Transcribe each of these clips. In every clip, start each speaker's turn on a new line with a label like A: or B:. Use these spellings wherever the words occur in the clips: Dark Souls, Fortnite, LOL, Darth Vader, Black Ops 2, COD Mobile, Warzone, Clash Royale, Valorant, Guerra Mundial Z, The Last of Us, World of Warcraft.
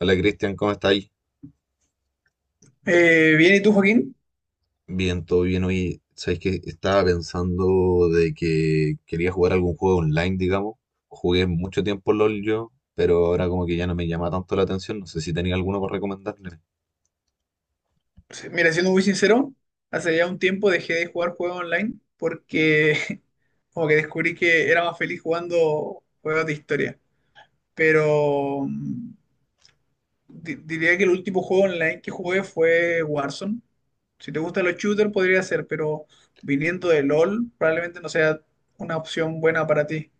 A: Hola Cristian, ¿cómo estáis?
B: Bien, ¿y tú, Joaquín?
A: Bien, todo bien. Hoy, sabéis que estaba pensando de que quería jugar algún juego online, digamos. Jugué mucho tiempo LOL yo, pero ahora como que ya no me llama tanto la atención. No sé si tenía alguno para recomendarme.
B: Mira, siendo muy sincero, hace ya un tiempo dejé de jugar juegos online porque como que descubrí que era más feliz jugando juegos de historia. Pero diría que el último juego online que jugué fue Warzone. Si te gustan los shooters podría ser, pero viniendo de LOL probablemente no sea una opción buena para ti.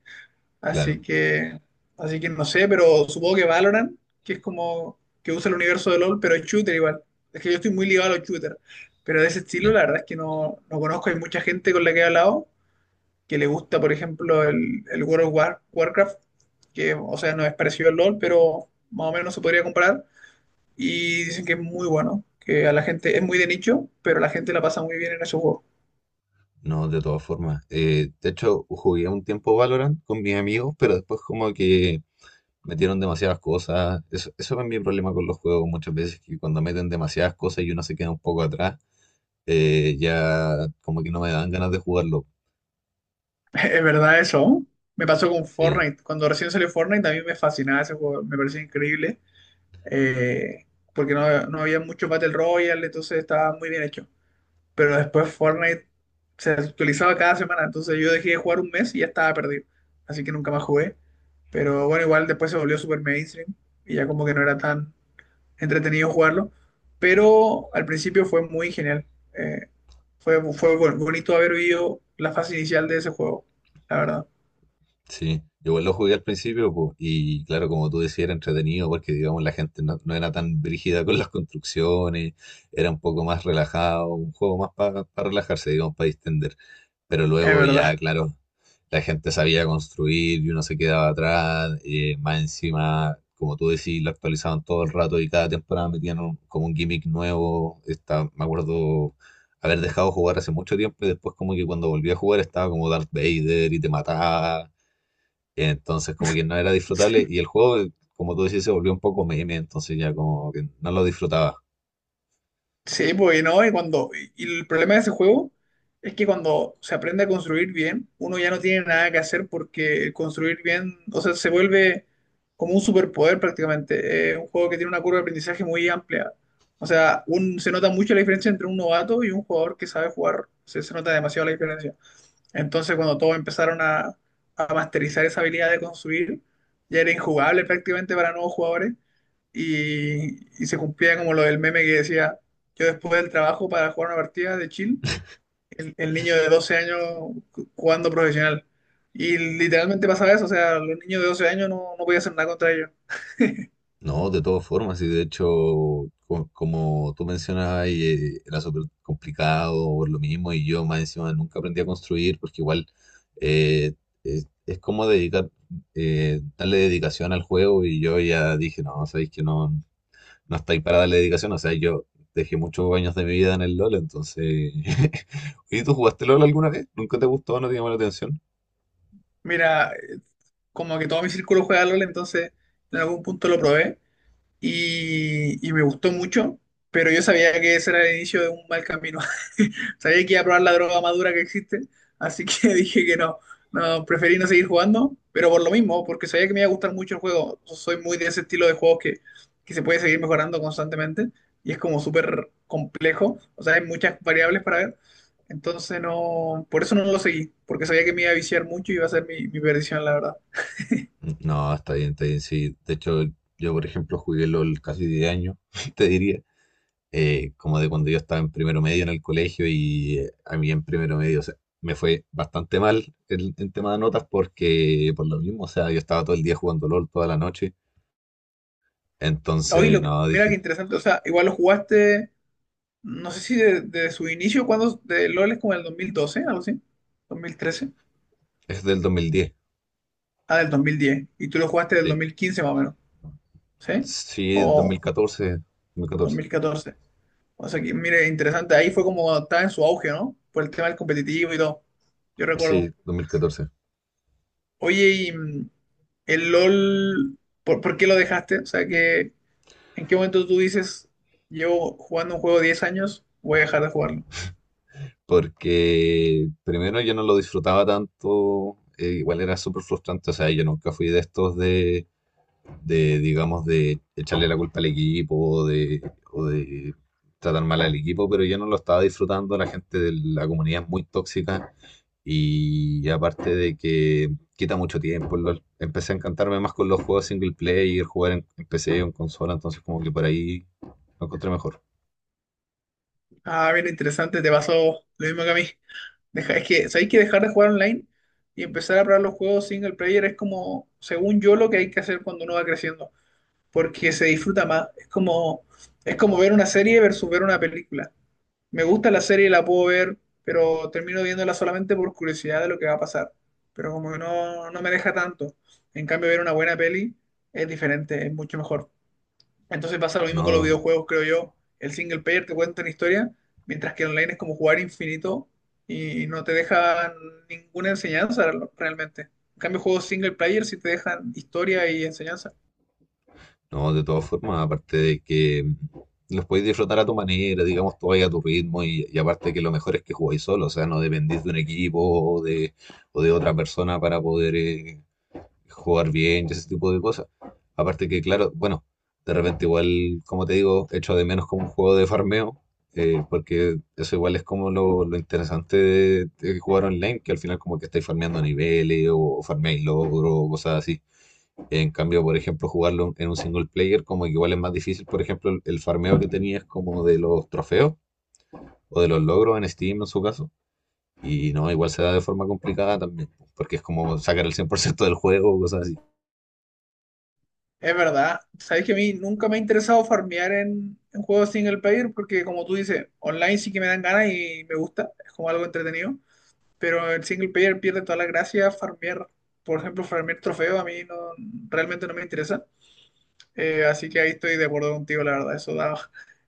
B: Así
A: Claro,
B: que, así que no sé, pero supongo que Valorant, que es como que usa el universo de LOL, pero es shooter igual. Es que yo estoy muy ligado a los shooters, pero de ese estilo
A: ya.
B: la verdad es que no conozco. Hay mucha gente con la que he hablado que le gusta, por ejemplo, el World of Warcraft, que, o sea, no es parecido al LOL, pero más o menos se podría comparar. Y dicen que es muy bueno, que a la gente es muy de nicho, pero la gente la pasa muy bien en esos juegos.
A: No, de todas formas. De hecho, jugué un tiempo Valorant con mis amigos, pero después como que metieron demasiadas cosas. Eso es mi problema con los juegos muchas veces, que cuando meten demasiadas cosas y uno se queda un poco atrás, ya como que no me dan ganas de jugarlo.
B: Es verdad eso. Me pasó con
A: Sí,
B: Fortnite. Cuando recién salió Fortnite, a mí me fascinaba ese juego, me parecía increíble. eh, Porque no había mucho Battle Royale, entonces estaba muy bien hecho. Pero después Fortnite se actualizaba cada semana, entonces yo dejé de jugar un mes y ya estaba perdido. Así que nunca más jugué. Pero bueno, igual después se volvió super mainstream y ya como que no era tan entretenido jugarlo. Pero al principio fue muy genial. Eh, fue bonito haber vivido la fase inicial de ese juego, la verdad.
A: sí. Yo igual lo jugué al principio, po, y claro, como tú decías, era entretenido porque, digamos, la gente no era tan brígida con las construcciones, era un poco más relajado, un juego más para relajarse, digamos, para distender. Pero
B: Es
A: luego
B: verdad.
A: ya, claro, la gente sabía construir y uno se quedaba atrás, más encima, como tú decís, lo actualizaban todo el rato y cada temporada metían como un gimmick nuevo. Está, me acuerdo haber dejado jugar hace mucho tiempo y después como que cuando volví a jugar estaba como Darth Vader y te mataba, entonces como que no era disfrutable y el juego, como tú decís, se volvió un poco meme, entonces ya como que no lo disfrutaba.
B: Sí, pues y no, y cuando. Y el problema de ese juego es que cuando se aprende a construir bien, uno ya no tiene nada que hacer porque el construir bien, o sea, se vuelve como un superpoder prácticamente. Es un juego que tiene una curva de aprendizaje muy amplia. O sea, se nota mucho la diferencia entre un novato y un jugador que sabe jugar. Se nota demasiado la diferencia. Entonces, cuando todos empezaron a masterizar esa habilidad de construir, ya era injugable prácticamente para nuevos jugadores y se cumplía como lo del meme que decía, yo después del trabajo para jugar una partida de chill, el niño de 12 años jugando profesional. Y literalmente pasaba eso, o sea, los niños de 12 años no podía hacer nada contra ellos.
A: No, de todas formas, y de hecho, como tú mencionabas, ahí, era súper complicado por lo mismo, y yo más encima nunca aprendí a construir, porque igual eh, es como dedicar, darle dedicación al juego, y yo ya dije, no, sabéis que no, no estáis para darle dedicación, o sea, yo dejé muchos años de mi vida en el LOL, entonces. ¿Y tú jugaste LOL alguna vez? ¿Nunca te gustó? ¿No te llamó la atención?
B: Mira, como que todo mi círculo juega LOL, entonces en algún punto lo probé y me gustó mucho, pero yo sabía que ese era el inicio de un mal camino. Sabía que iba a probar la droga más dura que existe, así que dije que no, preferí no seguir jugando, pero por lo mismo, porque sabía que me iba a gustar mucho el juego. Soy muy de ese estilo de juegos que se puede seguir mejorando constantemente y es como súper complejo, o sea, hay muchas variables para ver. Entonces no, por eso no lo seguí, porque sabía que me iba a viciar mucho y iba a ser mi perdición, la verdad.
A: Mm, no, está bien, sí. De hecho, yo, por ejemplo, jugué LOL casi 10 años, te diría. Como de cuando yo estaba en primero medio en el colegio y a mí en primero medio, o sea, me fue bastante mal en tema de notas porque por lo mismo, o sea, yo estaba todo el día jugando LOL toda la noche,
B: Hoy
A: entonces,
B: lo,
A: no,
B: Mira qué
A: dije,
B: interesante, o sea, igual lo jugaste. No sé si de su inicio, cuando de LOL es como el 2012, algo así, 2013.
A: es del 2010,
B: Ah, del 2010, y tú lo jugaste del
A: sí,
B: 2015 más o menos, ¿sí?
A: sí,
B: O
A: 2014, 2014,
B: 2014. O sea que, mire, interesante, ahí fue como cuando estaba en su auge, ¿no? Por el tema del competitivo y todo, yo
A: sí,
B: recuerdo.
A: 2014,
B: Oye, y el LOL, por qué lo dejaste? O sea que, ¿en qué momento tú dices, llevo jugando un juego 10 años, voy a dejar de jugarlo?
A: porque primero yo no lo disfrutaba tanto, igual era súper frustrante, o sea, yo nunca fui de estos de, digamos, de echarle la culpa al equipo o de tratar mal al equipo, pero yo no lo estaba disfrutando. La gente de la comunidad es muy tóxica y aparte de que quita mucho tiempo, el LOL. Empecé a encantarme más con los juegos single player, jugar en PC o en consola, entonces como que por ahí lo encontré mejor.
B: Ah, bien interesante, te pasó lo mismo que a mí. Es que, ¿sabéis que dejar de jugar online y empezar a probar los juegos single player es como, según yo, lo que hay que hacer cuando uno va creciendo? Porque se disfruta más. Es como ver una serie versus ver una película. Me gusta la serie, la puedo ver, pero termino viéndola solamente por curiosidad de lo que va a pasar. Pero como que no me deja tanto. En cambio, ver una buena peli es diferente, es mucho mejor. Entonces pasa lo mismo con los
A: No,
B: videojuegos, creo yo. El single player te cuenta una historia, mientras que online es como jugar infinito y no te deja ninguna enseñanza realmente. En cambio, juegos single player sí te dejan historia y enseñanza.
A: no, de todas formas, aparte de que los podéis disfrutar a tu manera, digamos, tú vais a tu ritmo y aparte que lo mejor es que jugáis solo, o sea, no dependís de un equipo o de otra persona para poder jugar bien y ese tipo de cosas. Aparte que, claro, bueno, de repente igual, como te digo, echo de menos como un juego de farmeo, porque eso igual es como lo interesante de jugar online, que al final como que estáis farmeando niveles o farmeáis logros o cosas así. En cambio, por ejemplo, jugarlo en un single player, como que igual es más difícil, por ejemplo, el farmeo que tenías como de los trofeos o de los logros en Steam en su caso. Y no, igual se da de forma complicada también, porque es como sacar el 100% del juego o cosas así.
B: Es verdad. Sabes que a mí nunca me ha interesado farmear en juegos single player porque, como tú dices, online sí que me dan ganas y me gusta, es como algo entretenido. Pero el single player pierde toda la gracia farmear. Por ejemplo, farmear trofeos a mí no, realmente no me interesa. Así que ahí estoy de acuerdo contigo, la verdad. Eso da.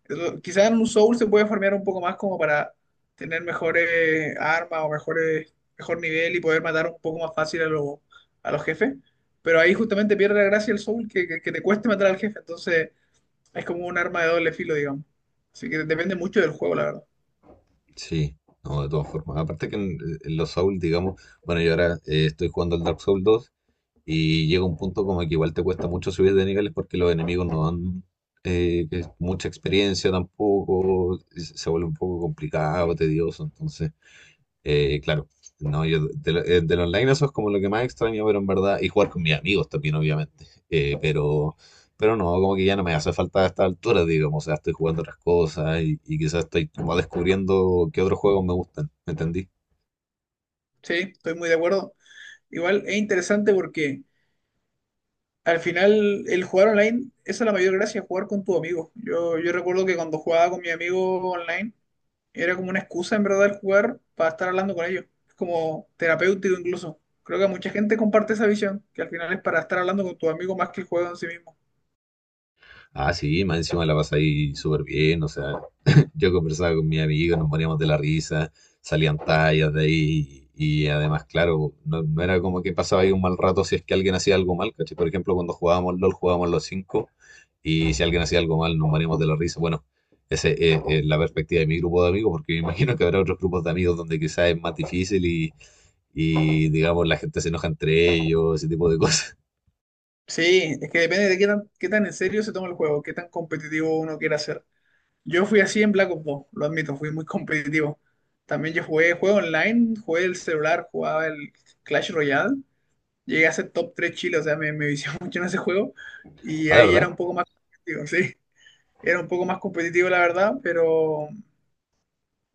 B: eso- Quizás en un Soul se puede farmear un poco más como para tener mejores armas o mejor nivel y poder matar un poco más fácil a los jefes. Pero ahí justamente pierde la gracia el Soul que te cueste matar al jefe. Entonces es como un arma de doble filo, digamos. Así que depende mucho del juego, la verdad.
A: Sí, no, de todas formas. Aparte que en los Souls, digamos, bueno, yo ahora estoy jugando el Dark Souls dos y llega un punto como que igual te cuesta mucho subir de niveles porque los enemigos no dan mucha experiencia tampoco, se vuelve un poco complicado, tedioso, entonces. Claro, no, yo del online eso es como lo que más extraño, pero en verdad, y jugar con mis amigos también, obviamente. Pero no, como que ya no me hace falta a esta altura, digamos, o sea, estoy jugando otras cosas y quizás estoy como descubriendo qué otros juegos me gustan, ¿me entendí?
B: Sí, estoy muy de acuerdo. Igual es interesante porque al final el jugar online, esa es la mayor gracia, jugar con tu amigo. Yo recuerdo que cuando jugaba con mi amigo online, era como una excusa en verdad el jugar para estar hablando con ellos. Es como terapéutico incluso. Creo que mucha gente comparte esa visión, que al final es para estar hablando con tus amigos más que el juego en sí mismo.
A: Ah, sí, más encima la ahí súper bien, o sea, yo conversaba con mi amigo, nos poníamos de la risa, salían tallas de ahí, y, además, claro, no era como que pasaba ahí un mal rato si es que alguien hacía algo mal, ¿cachai? Por ejemplo, cuando jugábamos LOL, jugábamos los cinco, y si alguien hacía algo mal, nos moríamos de la risa. Bueno, esa es la perspectiva de mi grupo de amigos, porque me imagino que habrá otros grupos de amigos donde quizás es más difícil y, digamos, la gente se enoja entre ellos, ese tipo de cosas.
B: Sí, es que depende de qué tan en serio se toma el juego, qué tan competitivo uno quiera ser. Yo fui así en Black Ops 2, lo admito, fui muy competitivo. También yo jugué juego online, jugué el celular, jugaba el Clash Royale. Llegué a ser top 3 Chile, o sea, me vicié mucho en ese juego. Y
A: Ah, ¿de
B: ahí era
A: verdad?
B: un poco más competitivo, sí. Era un poco más competitivo, la verdad, pero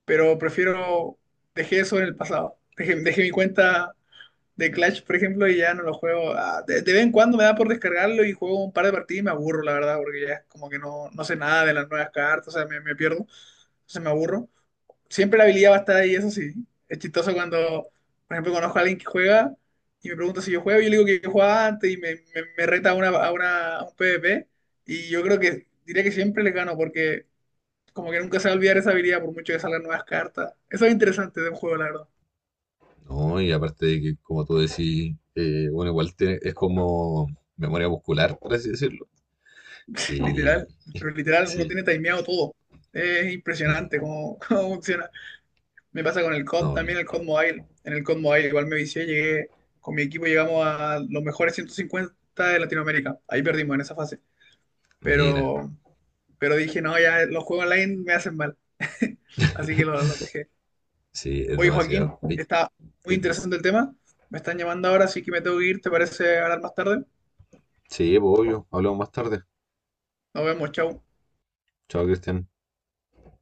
B: pero prefiero, dejé eso en el pasado. Dejé mi cuenta de Clash, por ejemplo, y ya no lo juego. Ah, de vez en cuando me da por descargarlo y juego un par de partidas y me aburro, la verdad, porque ya es como que no, no sé nada de las nuevas cartas, o sea, me pierdo, entonces me aburro. Siempre la habilidad va a estar ahí, eso sí. Es chistoso cuando, por ejemplo, conozco a alguien que juega y me pregunta si yo juego, yo le digo que yo jugaba antes y me reta a un PvP y yo creo que diría que siempre le gano porque como que nunca se va a olvidar esa habilidad por mucho que salgan nuevas cartas. Eso es interesante de un juego, la verdad.
A: No, y aparte de que, como tú decís, bueno, igual es como memoria muscular, por así decirlo. Y
B: Literal. Pero literal, uno
A: sí,
B: tiene timeado todo. Es impresionante
A: no,
B: cómo cómo funciona. Me pasa con el COD,
A: no,
B: también el COD Mobile. En el COD Mobile igual me vicié, llegué, con mi equipo llegamos a los mejores 150 de Latinoamérica. Ahí perdimos en esa fase.
A: mira,
B: Pero, pero dije, no, ya los juegos online me hacen mal. Así que lo dejé.
A: sí, es
B: Oye, Joaquín,
A: demasiado.
B: está muy
A: Te-
B: interesante el tema. Me están llamando ahora, así que me tengo que ir. ¿Te parece hablar más tarde?
A: Sí, pues, obvio, hablamos más tarde.
B: Nos vemos, chau.
A: Chao, Cristian.